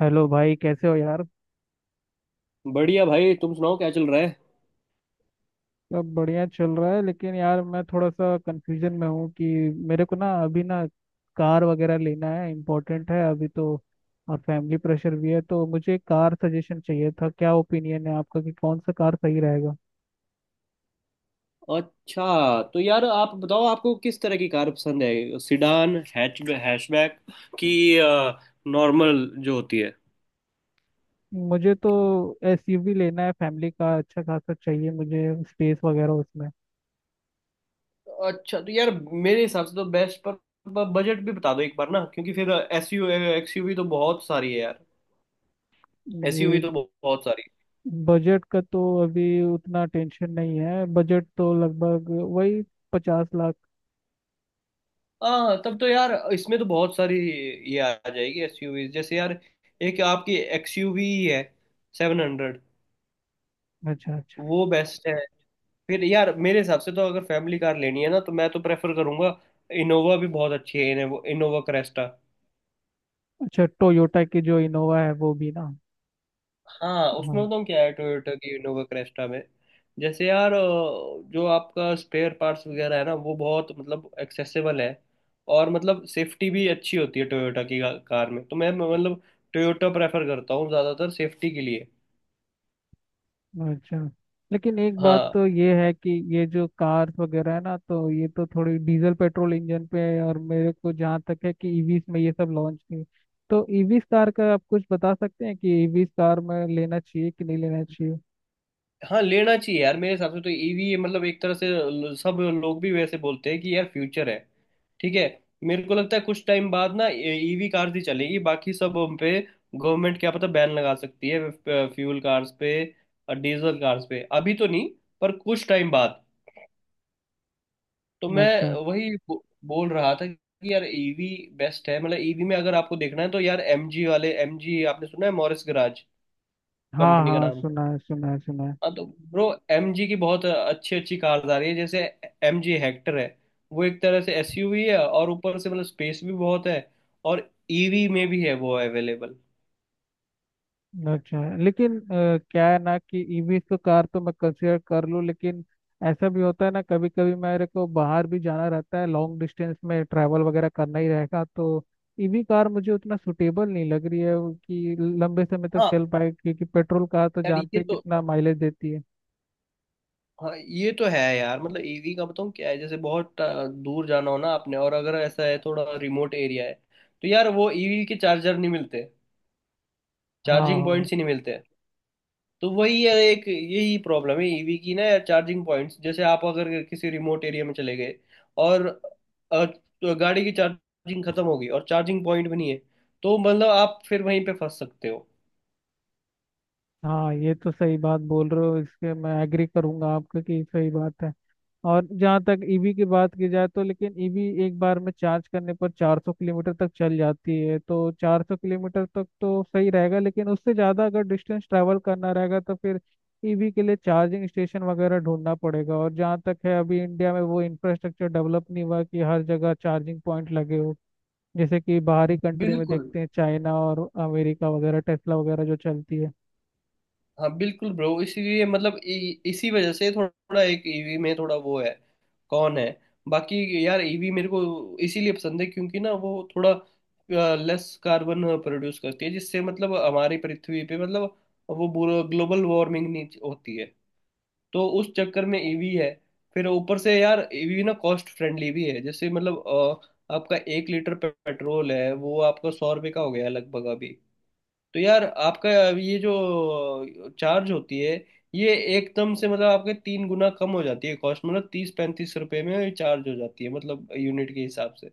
Hello भाई, कैसे हो यार। बढ़िया भाई, तुम सुनाओ क्या चल रहा है। सब बढ़िया चल रहा है लेकिन यार मैं थोड़ा सा कंफ्यूजन में हूँ कि मेरे को ना अभी ना कार वगैरह लेना है, इम्पोर्टेंट है अभी तो। और फैमिली प्रेशर भी है तो मुझे कार सजेशन चाहिए था। क्या ओपिनियन है आपका कि कौन सा कार सही रहेगा? अच्छा तो यार, आप बताओ आपको किस तरह की कार पसंद है, सिडान, हैचबैक की नॉर्मल जो होती है। मुझे तो एसयूवी लेना है, फैमिली का अच्छा खासा चाहिए मुझे स्पेस वगैरह उसमें। अच्छा तो यार मेरे हिसाब से तो बेस्ट पर बजट भी बता दो एक बार ना, क्योंकि फिर एसयू एक्सयूवी तो बहुत सारी है यार। एसयूवी ये तो बहुत बहुत सारी बजट का तो अभी उतना टेंशन नहीं है, बजट तो लगभग वही 50 लाख। है। हाँ, तब तो यार इसमें तो बहुत सारी ये आ जाएगी एसयूवी। जैसे यार एक आपकी एक्सयूवी है 700, अच्छा अच्छा। वो बेस्ट है। फिर यार मेरे हिसाब से तो अगर फैमिली कार लेनी है ना, तो मैं तो प्रेफर करूंगा इनोवा भी बहुत अच्छी है, इनोवा इनोवा क्रेस्टा। अच्छा, टोयोटा की जो इनोवा है वो भी ना? हाँ, हाँ। उसमें बताऊँ क्या है, टोयोटा की इनोवा क्रेस्टा में जैसे यार जो आपका स्पेयर पार्ट्स वगैरह है ना वो बहुत मतलब एक्सेसिबल है। और मतलब सेफ्टी भी अच्छी होती है टोयोटा की कार में। तो मैं मतलब टोयोटा प्रेफर करता हूँ ज़्यादातर सेफ्टी के लिए। अच्छा लेकिन एक बात हाँ, तो ये है कि ये जो कार्स वगैरह है ना तो ये तो थोड़ी डीजल पेट्रोल इंजन पे है, और मेरे को जहाँ तक है कि ईवीस में ये सब लॉन्च नहीं। तो ईवीस कार का आप कुछ बता सकते हैं कि ईवीस कार में लेना चाहिए कि नहीं लेना चाहिए? हाँ, लेना चाहिए यार, मेरे हिसाब से तो ईवी मतलब एक तरह से सब लोग भी वैसे बोलते हैं कि यार फ्यूचर है। ठीक है। मेरे को लगता है कुछ टाइम बाद ना ईवी कार्स ही चलेगी, बाकी सब उन पे गवर्नमेंट क्या पता बैन लगा सकती है, फ्यूल कार्स पे और डीजल कार्स पे। अभी तो नहीं, पर कुछ टाइम बाद। तो मैं अच्छा। वही बोल रहा था कि यार ईवी बेस्ट है। मतलब ईवी में अगर आपको देखना है तो यार एमजी वाले, एमजी आपने सुना है, मॉरिस गराज हाँ कंपनी का हाँ, नाम। सुना है सुना है सुना है। हाँ, तो ब्रो एमजी की बहुत अच्छी अच्छी कार्स आ रही है। जैसे एमजी हेक्टर है, वो एक तरह से एसयूवी है और ऊपर से मतलब स्पेस भी बहुत है। और ईवी में भी है वो अवेलेबल। अच्छा लेकिन क्या है ना कि ईवी तो कार तो मैं कंसीडर कर लूँ, लेकिन ऐसा भी होता है ना कभी कभी मेरे को बाहर भी जाना रहता है, लॉन्ग डिस्टेंस में ट्रैवल वगैरह करना ही रहेगा तो ईवी कार मुझे उतना सुटेबल नहीं लग रही है, वो कि लंबे समय तक हाँ चल पाए क्योंकि पेट्रोल कार तो यार, जानते ये हो तो। कितना माइलेज देती है। हाँ, ये तो है यार, मतलब ईवी का बताऊँ क्या है, जैसे बहुत दूर जाना हो ना आपने, और अगर ऐसा है थोड़ा रिमोट एरिया है, तो यार वो ईवी के चार्जर नहीं मिलते, चार्जिंग हाँ। पॉइंट्स ही नहीं मिलते। तो वही है, एक यही प्रॉब्लम है ईवी की ना यार, चार्जिंग पॉइंट्स, जैसे आप अगर किसी रिमोट एरिया में चले गए और तो गाड़ी की चार्जिंग खत्म हो गई और चार्जिंग पॉइंट भी नहीं है, तो मतलब आप फिर वहीं पे फंस सकते हो। हाँ, ये तो सही बात बोल रहे हो, इसके मैं एग्री करूंगा आपका कि सही बात है। और जहाँ तक ईवी की बात की जाए तो लेकिन ईवी एक बार में चार्ज करने पर 400 किलोमीटर तक चल जाती है, तो 400 किलोमीटर तक तो सही रहेगा लेकिन उससे ज़्यादा अगर डिस्टेंस ट्रैवल करना रहेगा तो फिर ईवी के लिए चार्जिंग स्टेशन वगैरह ढूंढना पड़ेगा। और जहाँ तक है अभी इंडिया में वो इंफ्रास्ट्रक्चर डेवलप नहीं हुआ कि हर जगह चार्जिंग पॉइंट लगे हो। जैसे कि बाहरी कंट्री में बिल्कुल। देखते हैं, चाइना और अमेरिका वगैरह, टेस्ला वगैरह जो चलती है। हाँ बिल्कुल ब्रो, इसीलिए मतलब इसी वजह से थोड़ा एक ईवी में थोड़ा वो है। कौन है। बाकी यार ईवी मेरे को इसीलिए पसंद है क्योंकि ना वो थोड़ा लेस कार्बन प्रोड्यूस करती है, जिससे मतलब हमारी पृथ्वी पे मतलब वो बुरा ग्लोबल वार्मिंग नहीं होती है। तो उस चक्कर में ईवी है। फिर ऊपर से यार ईवी ना कॉस्ट फ्रेंडली भी है, जैसे मतलब आपका एक लीटर पेट्रोल है वो आपका 100 रुपये का हो गया लगभग अभी। तो यार आपका ये जो चार्ज होती है, ये एकदम से मतलब आपके 3 गुना कम हो जाती है कॉस्ट, मतलब 30-35 रुपए में ये चार्ज हो जाती है मतलब यूनिट के हिसाब से।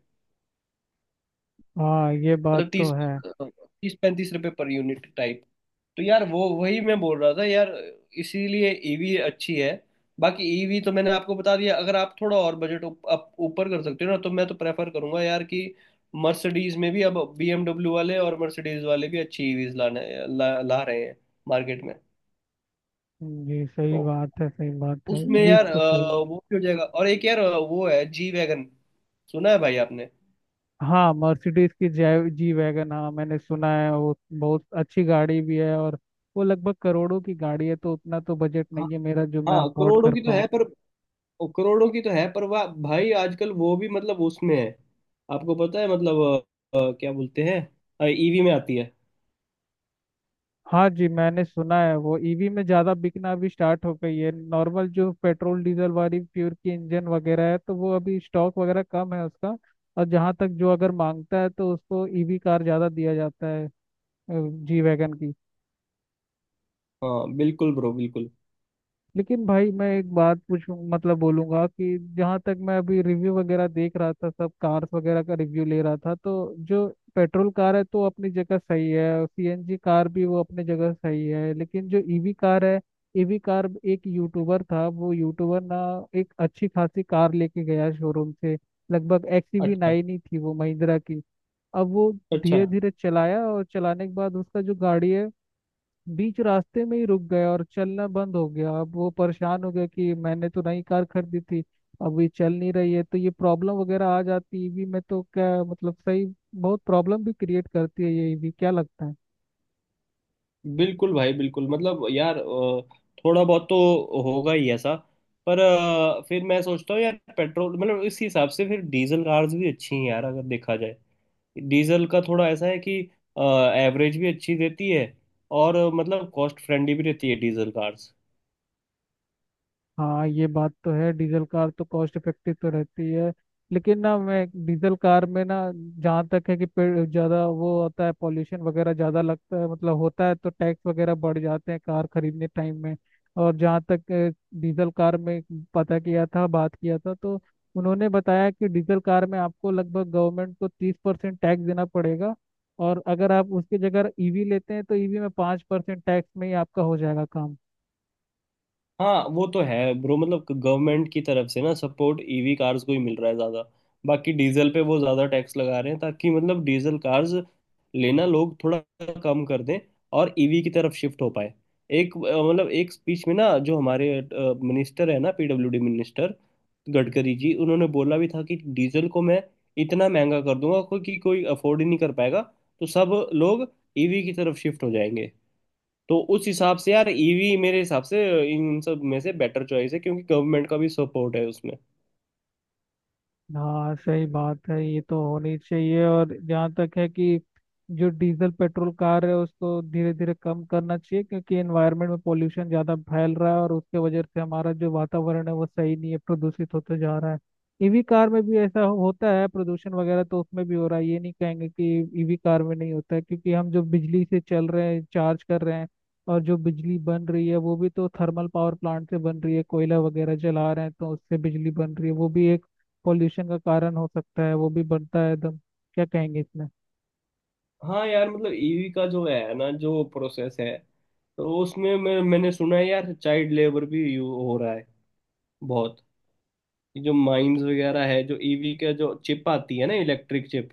हाँ, ये बात मतलब तो तीस है। 30-35 रुपए पर यूनिट टाइप। तो यार वो वही मैं बोल रहा था यार, इसीलिए ईवी अच्छी है। बाकी ईवी तो मैंने आपको बता दिया, अगर आप थोड़ा और बजट अप ऊपर कर सकते हो ना, तो मैं तो प्रेफर करूंगा यार कि मर्सिडीज में भी अब बीएमडब्ल्यू वाले और मर्सिडीज वाले भी अच्छी ईवीज ला रहे हैं मार्केट में। जी, सही तो बात है, सही बात है, उसमें ईवी यार तो सही है। वो भी हो जाएगा, और एक यार वो है जी वैगन, सुना है भाई आपने। हाँ, मर्सिडीज की जी वैगन, हाँ मैंने सुना है, वो बहुत अच्छी गाड़ी भी है। और वो लगभग करोड़ों की गाड़ी है, तो उतना तो बजट हाँ, नहीं है मेरा जो मैं हाँ, अफोर्ड करोड़ों कर की तो पाऊँ। है पर, वाह भाई आजकल वो भी मतलब उसमें है। आपको पता है मतलब क्या बोलते हैं, ईवी में आती है। हाँ जी मैंने सुना है, वो ईवी में ज़्यादा बिकना अभी स्टार्ट हो गई है, नॉर्मल जो पेट्रोल डीजल वाली प्योर की इंजन वगैरह है तो वो अभी स्टॉक वगैरह कम है उसका। और जहाँ तक, जो अगर मांगता है तो उसको ईवी कार ज़्यादा दिया जाता है जी वैगन की। हाँ बिल्कुल ब्रो, बिल्कुल। लेकिन भाई मैं एक बात पूछूं, मतलब बोलूंगा कि जहां तक मैं अभी रिव्यू वगैरह देख रहा था, सब कार्स वगैरह का रिव्यू ले रहा था, तो जो पेट्रोल कार है तो अपनी जगह सही है, सीएनजी कार भी वो अपनी जगह सही है, लेकिन जो ईवी कार है, ईवी कार, एक यूट्यूबर था, वो यूट्यूबर ना एक अच्छी खासी कार लेके गया शोरूम से, लगभग एक्सयूवी अच्छा, नाइन ही थी वो महिंद्रा की। अब वो अच्छा। धीरे धीरे चलाया, और चलाने के बाद उसका जो गाड़ी है बीच रास्ते में ही रुक गया और चलना बंद हो गया। अब वो परेशान हो गया कि मैंने तो नई कार खरीदी थी, अब ये चल नहीं रही है। तो ये प्रॉब्लम वगैरह आ जाती है ईवी में, तो क्या मतलब सही, बहुत प्रॉब्लम भी क्रिएट करती है ये ईवी, क्या लगता है? बिल्कुल भाई बिल्कुल, मतलब यार थोड़ा बहुत तो होगा ही ऐसा। पर फिर मैं सोचता हूँ यार पेट्रोल, मतलब इस हिसाब से फिर डीजल कार्स भी अच्छी हैं यार अगर देखा जाए। डीजल का थोड़ा ऐसा है कि एवरेज भी अच्छी देती है, और मतलब कॉस्ट फ्रेंडली भी रहती है डीजल कार्स। हाँ, ये बात तो है, डीजल कार तो कॉस्ट इफेक्टिव तो रहती है। लेकिन ना मैं डीजल कार में ना जहाँ तक है कि ज्यादा वो होता है पॉल्यूशन वगैरह, ज्यादा लगता है मतलब होता है, तो टैक्स वगैरह बढ़ जाते हैं कार खरीदने टाइम में। और जहाँ तक डीजल कार में पता किया था, बात किया था, तो उन्होंने बताया कि डीजल कार में आपको लगभग गवर्नमेंट को 30% टैक्स देना पड़ेगा, और अगर आप उसकी जगह ईवी लेते हैं तो ईवी में 5% टैक्स में ही आपका हो जाएगा काम। हाँ, वो तो है ब्रो, मतलब गवर्नमेंट की तरफ से ना सपोर्ट ईवी कार्स को ही मिल रहा है ज़्यादा। बाकी डीजल पे वो ज़्यादा टैक्स लगा रहे हैं, ताकि मतलब डीजल कार्स लेना लोग थोड़ा कम कर दें और ईवी की तरफ शिफ्ट हो पाए। एक मतलब एक स्पीच में ना, जो हमारे मिनिस्टर है ना, पीडब्ल्यूडी मिनिस्टर गडकरी जी, उन्होंने बोला भी था कि डीजल को मैं इतना महंगा कर दूंगा, कोई अफोर्ड ही नहीं कर पाएगा, तो सब लोग ईवी की तरफ शिफ्ट हो जाएंगे। तो उस हिसाब से यार ईवी मेरे हिसाब से इन सब में से बेटर चॉइस है, क्योंकि गवर्नमेंट का भी सपोर्ट है उसमें। हाँ, सही बात है, ये तो होनी चाहिए। और जहाँ तक है कि जो डीजल पेट्रोल कार है उसको धीरे धीरे कम करना चाहिए, क्योंकि एनवायरनमेंट में पोल्यूशन ज़्यादा फैल रहा है और उसके वजह से हमारा जो वातावरण है वो सही नहीं है, प्रदूषित होते जा रहा है। ईवी कार में भी ऐसा होता है प्रदूषण वगैरह, तो उसमें भी हो रहा है। ये नहीं कहेंगे कि ईवी कार में नहीं होता है, क्योंकि हम जो बिजली से चल रहे हैं, चार्ज कर रहे हैं, और जो बिजली बन रही है वो भी तो थर्मल पावर प्लांट से बन रही है, कोयला वगैरह जला रहे हैं तो उससे बिजली बन रही है, वो भी एक पॉल्यूशन का कारण हो सकता है, वो भी बढ़ता है एकदम। क्या कहेंगे इसमें? हाँ यार, मतलब ईवी का जो है ना, जो प्रोसेस है, तो उसमें मैंने सुना है यार चाइल्ड लेबर भी यू हो रहा है बहुत, जो माइंस वगैरह है। जो ईवी का जो चिप आती है ना, इलेक्ट्रिक चिप,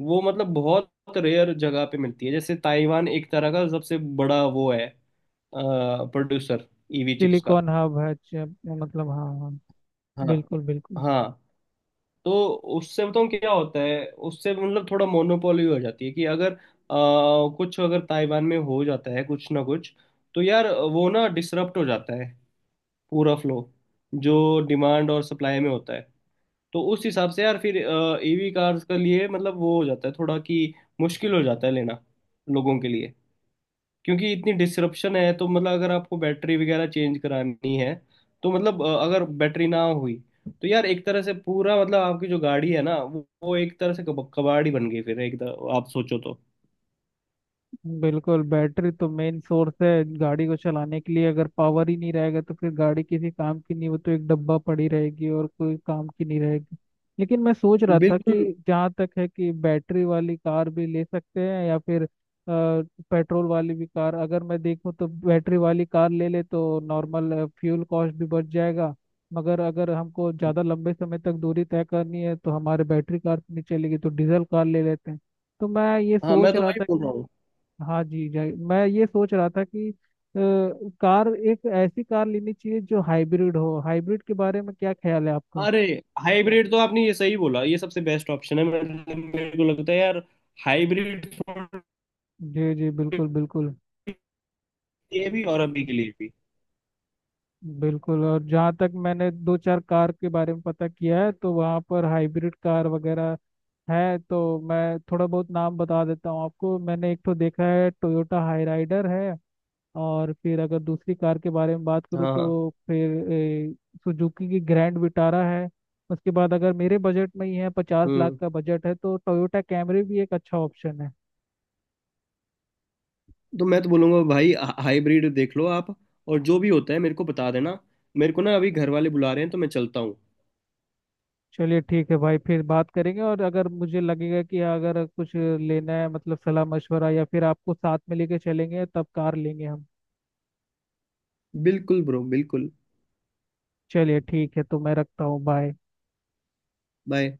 वो मतलब बहुत रेयर जगह पे मिलती है, जैसे ताइवान एक तरह का सबसे बड़ा वो है प्रोड्यूसर, ईवी चिप्स का। सिलिकॉन हब है मतलब, हाँ हाँ। हाँ, बिल्कुल बिल्कुल। हाँ। तो उससे बताऊँ क्या होता है, उससे मतलब थोड़ा मोनोपोली हो जाती है कि अगर कुछ अगर ताइवान में हो जाता है कुछ ना कुछ, तो यार वो ना डिसरप्ट हो जाता है पूरा फ्लो जो डिमांड और सप्लाई में होता है। तो उस हिसाब से यार फिर ईवी कार्स के लिए मतलब वो हो जाता है थोड़ा कि मुश्किल हो जाता है लेना लोगों के लिए। क्योंकि इतनी डिसरप्शन है तो मतलब अगर आपको बैटरी वगैरह चेंज करानी है, तो मतलब अगर बैटरी ना हुई, तो यार एक तरह से पूरा मतलब आपकी जो गाड़ी है ना वो एक तरह से कबाड़ ही बन गई फिर, एक तरह आप सोचो तो। बिल्कुल, बैटरी तो मेन सोर्स है, गाड़ी को चलाने के लिए अगर पावर ही नहीं रहेगा तो फिर गाड़ी किसी काम की नहीं, वो तो एक डब्बा पड़ी रहेगी और कोई काम की नहीं रहेगी। लेकिन मैं सोच रहा था कि बिल्कुल। जहाँ तक है कि बैटरी वाली कार भी ले सकते हैं या फिर पेट्रोल वाली भी कार, अगर मैं देखूँ तो बैटरी वाली कार ले ले तो नॉर्मल फ्यूल कॉस्ट भी बच जाएगा, मगर अगर हमको ज़्यादा लंबे समय तक दूरी तय करनी है तो हमारे बैटरी कार तो नहीं चलेगी, तो डीजल कार ले लेते हैं। तो मैं ये हाँ, मैं सोच तो रहा वही था। बोल रहा हूँ। हाँ जी जी, मैं ये सोच रहा था कि कार, एक ऐसी कार लेनी चाहिए जो हाइब्रिड हो, हाइब्रिड के बारे में क्या ख्याल है आपका? अरे, हाइब्रिड तो आपने ये सही बोला, ये सबसे बेस्ट ऑप्शन है, मेरे मेरे को लगता है यार, हाइब्रिड जी जी, बिल्कुल बिल्कुल। लिए भी और अभी के लिए भी। बिल्कुल, और जहाँ तक मैंने दो चार कार के बारे में पता किया है तो वहाँ पर हाइब्रिड कार वगैरह है, तो मैं थोड़ा बहुत नाम बता देता हूँ आपको। मैंने एक तो देखा है टोयोटा हाई राइडर है, और फिर अगर दूसरी कार के बारे में बात करूँ हाँ, हाँ, तो फिर सुजुकी की ग्रैंड विटारा है। उसके बाद अगर मेरे बजट में ही है, 50 लाख हम्म। का बजट है, तो टोयोटा कैमरी भी एक अच्छा ऑप्शन है। तो मैं तो बोलूंगा भाई, हाइब्रिड देख लो आप, और जो भी होता है मेरे को बता देना। मेरे को ना अभी घर वाले बुला रहे हैं, तो मैं चलता हूँ। चलिए ठीक है भाई, फिर बात करेंगे, और अगर मुझे लगेगा कि अगर कुछ लेना है मतलब सलाह मशवरा या फिर आपको साथ में लेके चलेंगे तब कार लेंगे हम। बिल्कुल ब्रो, बिल्कुल। चलिए ठीक है, तो मैं रखता हूँ, बाय। बाय।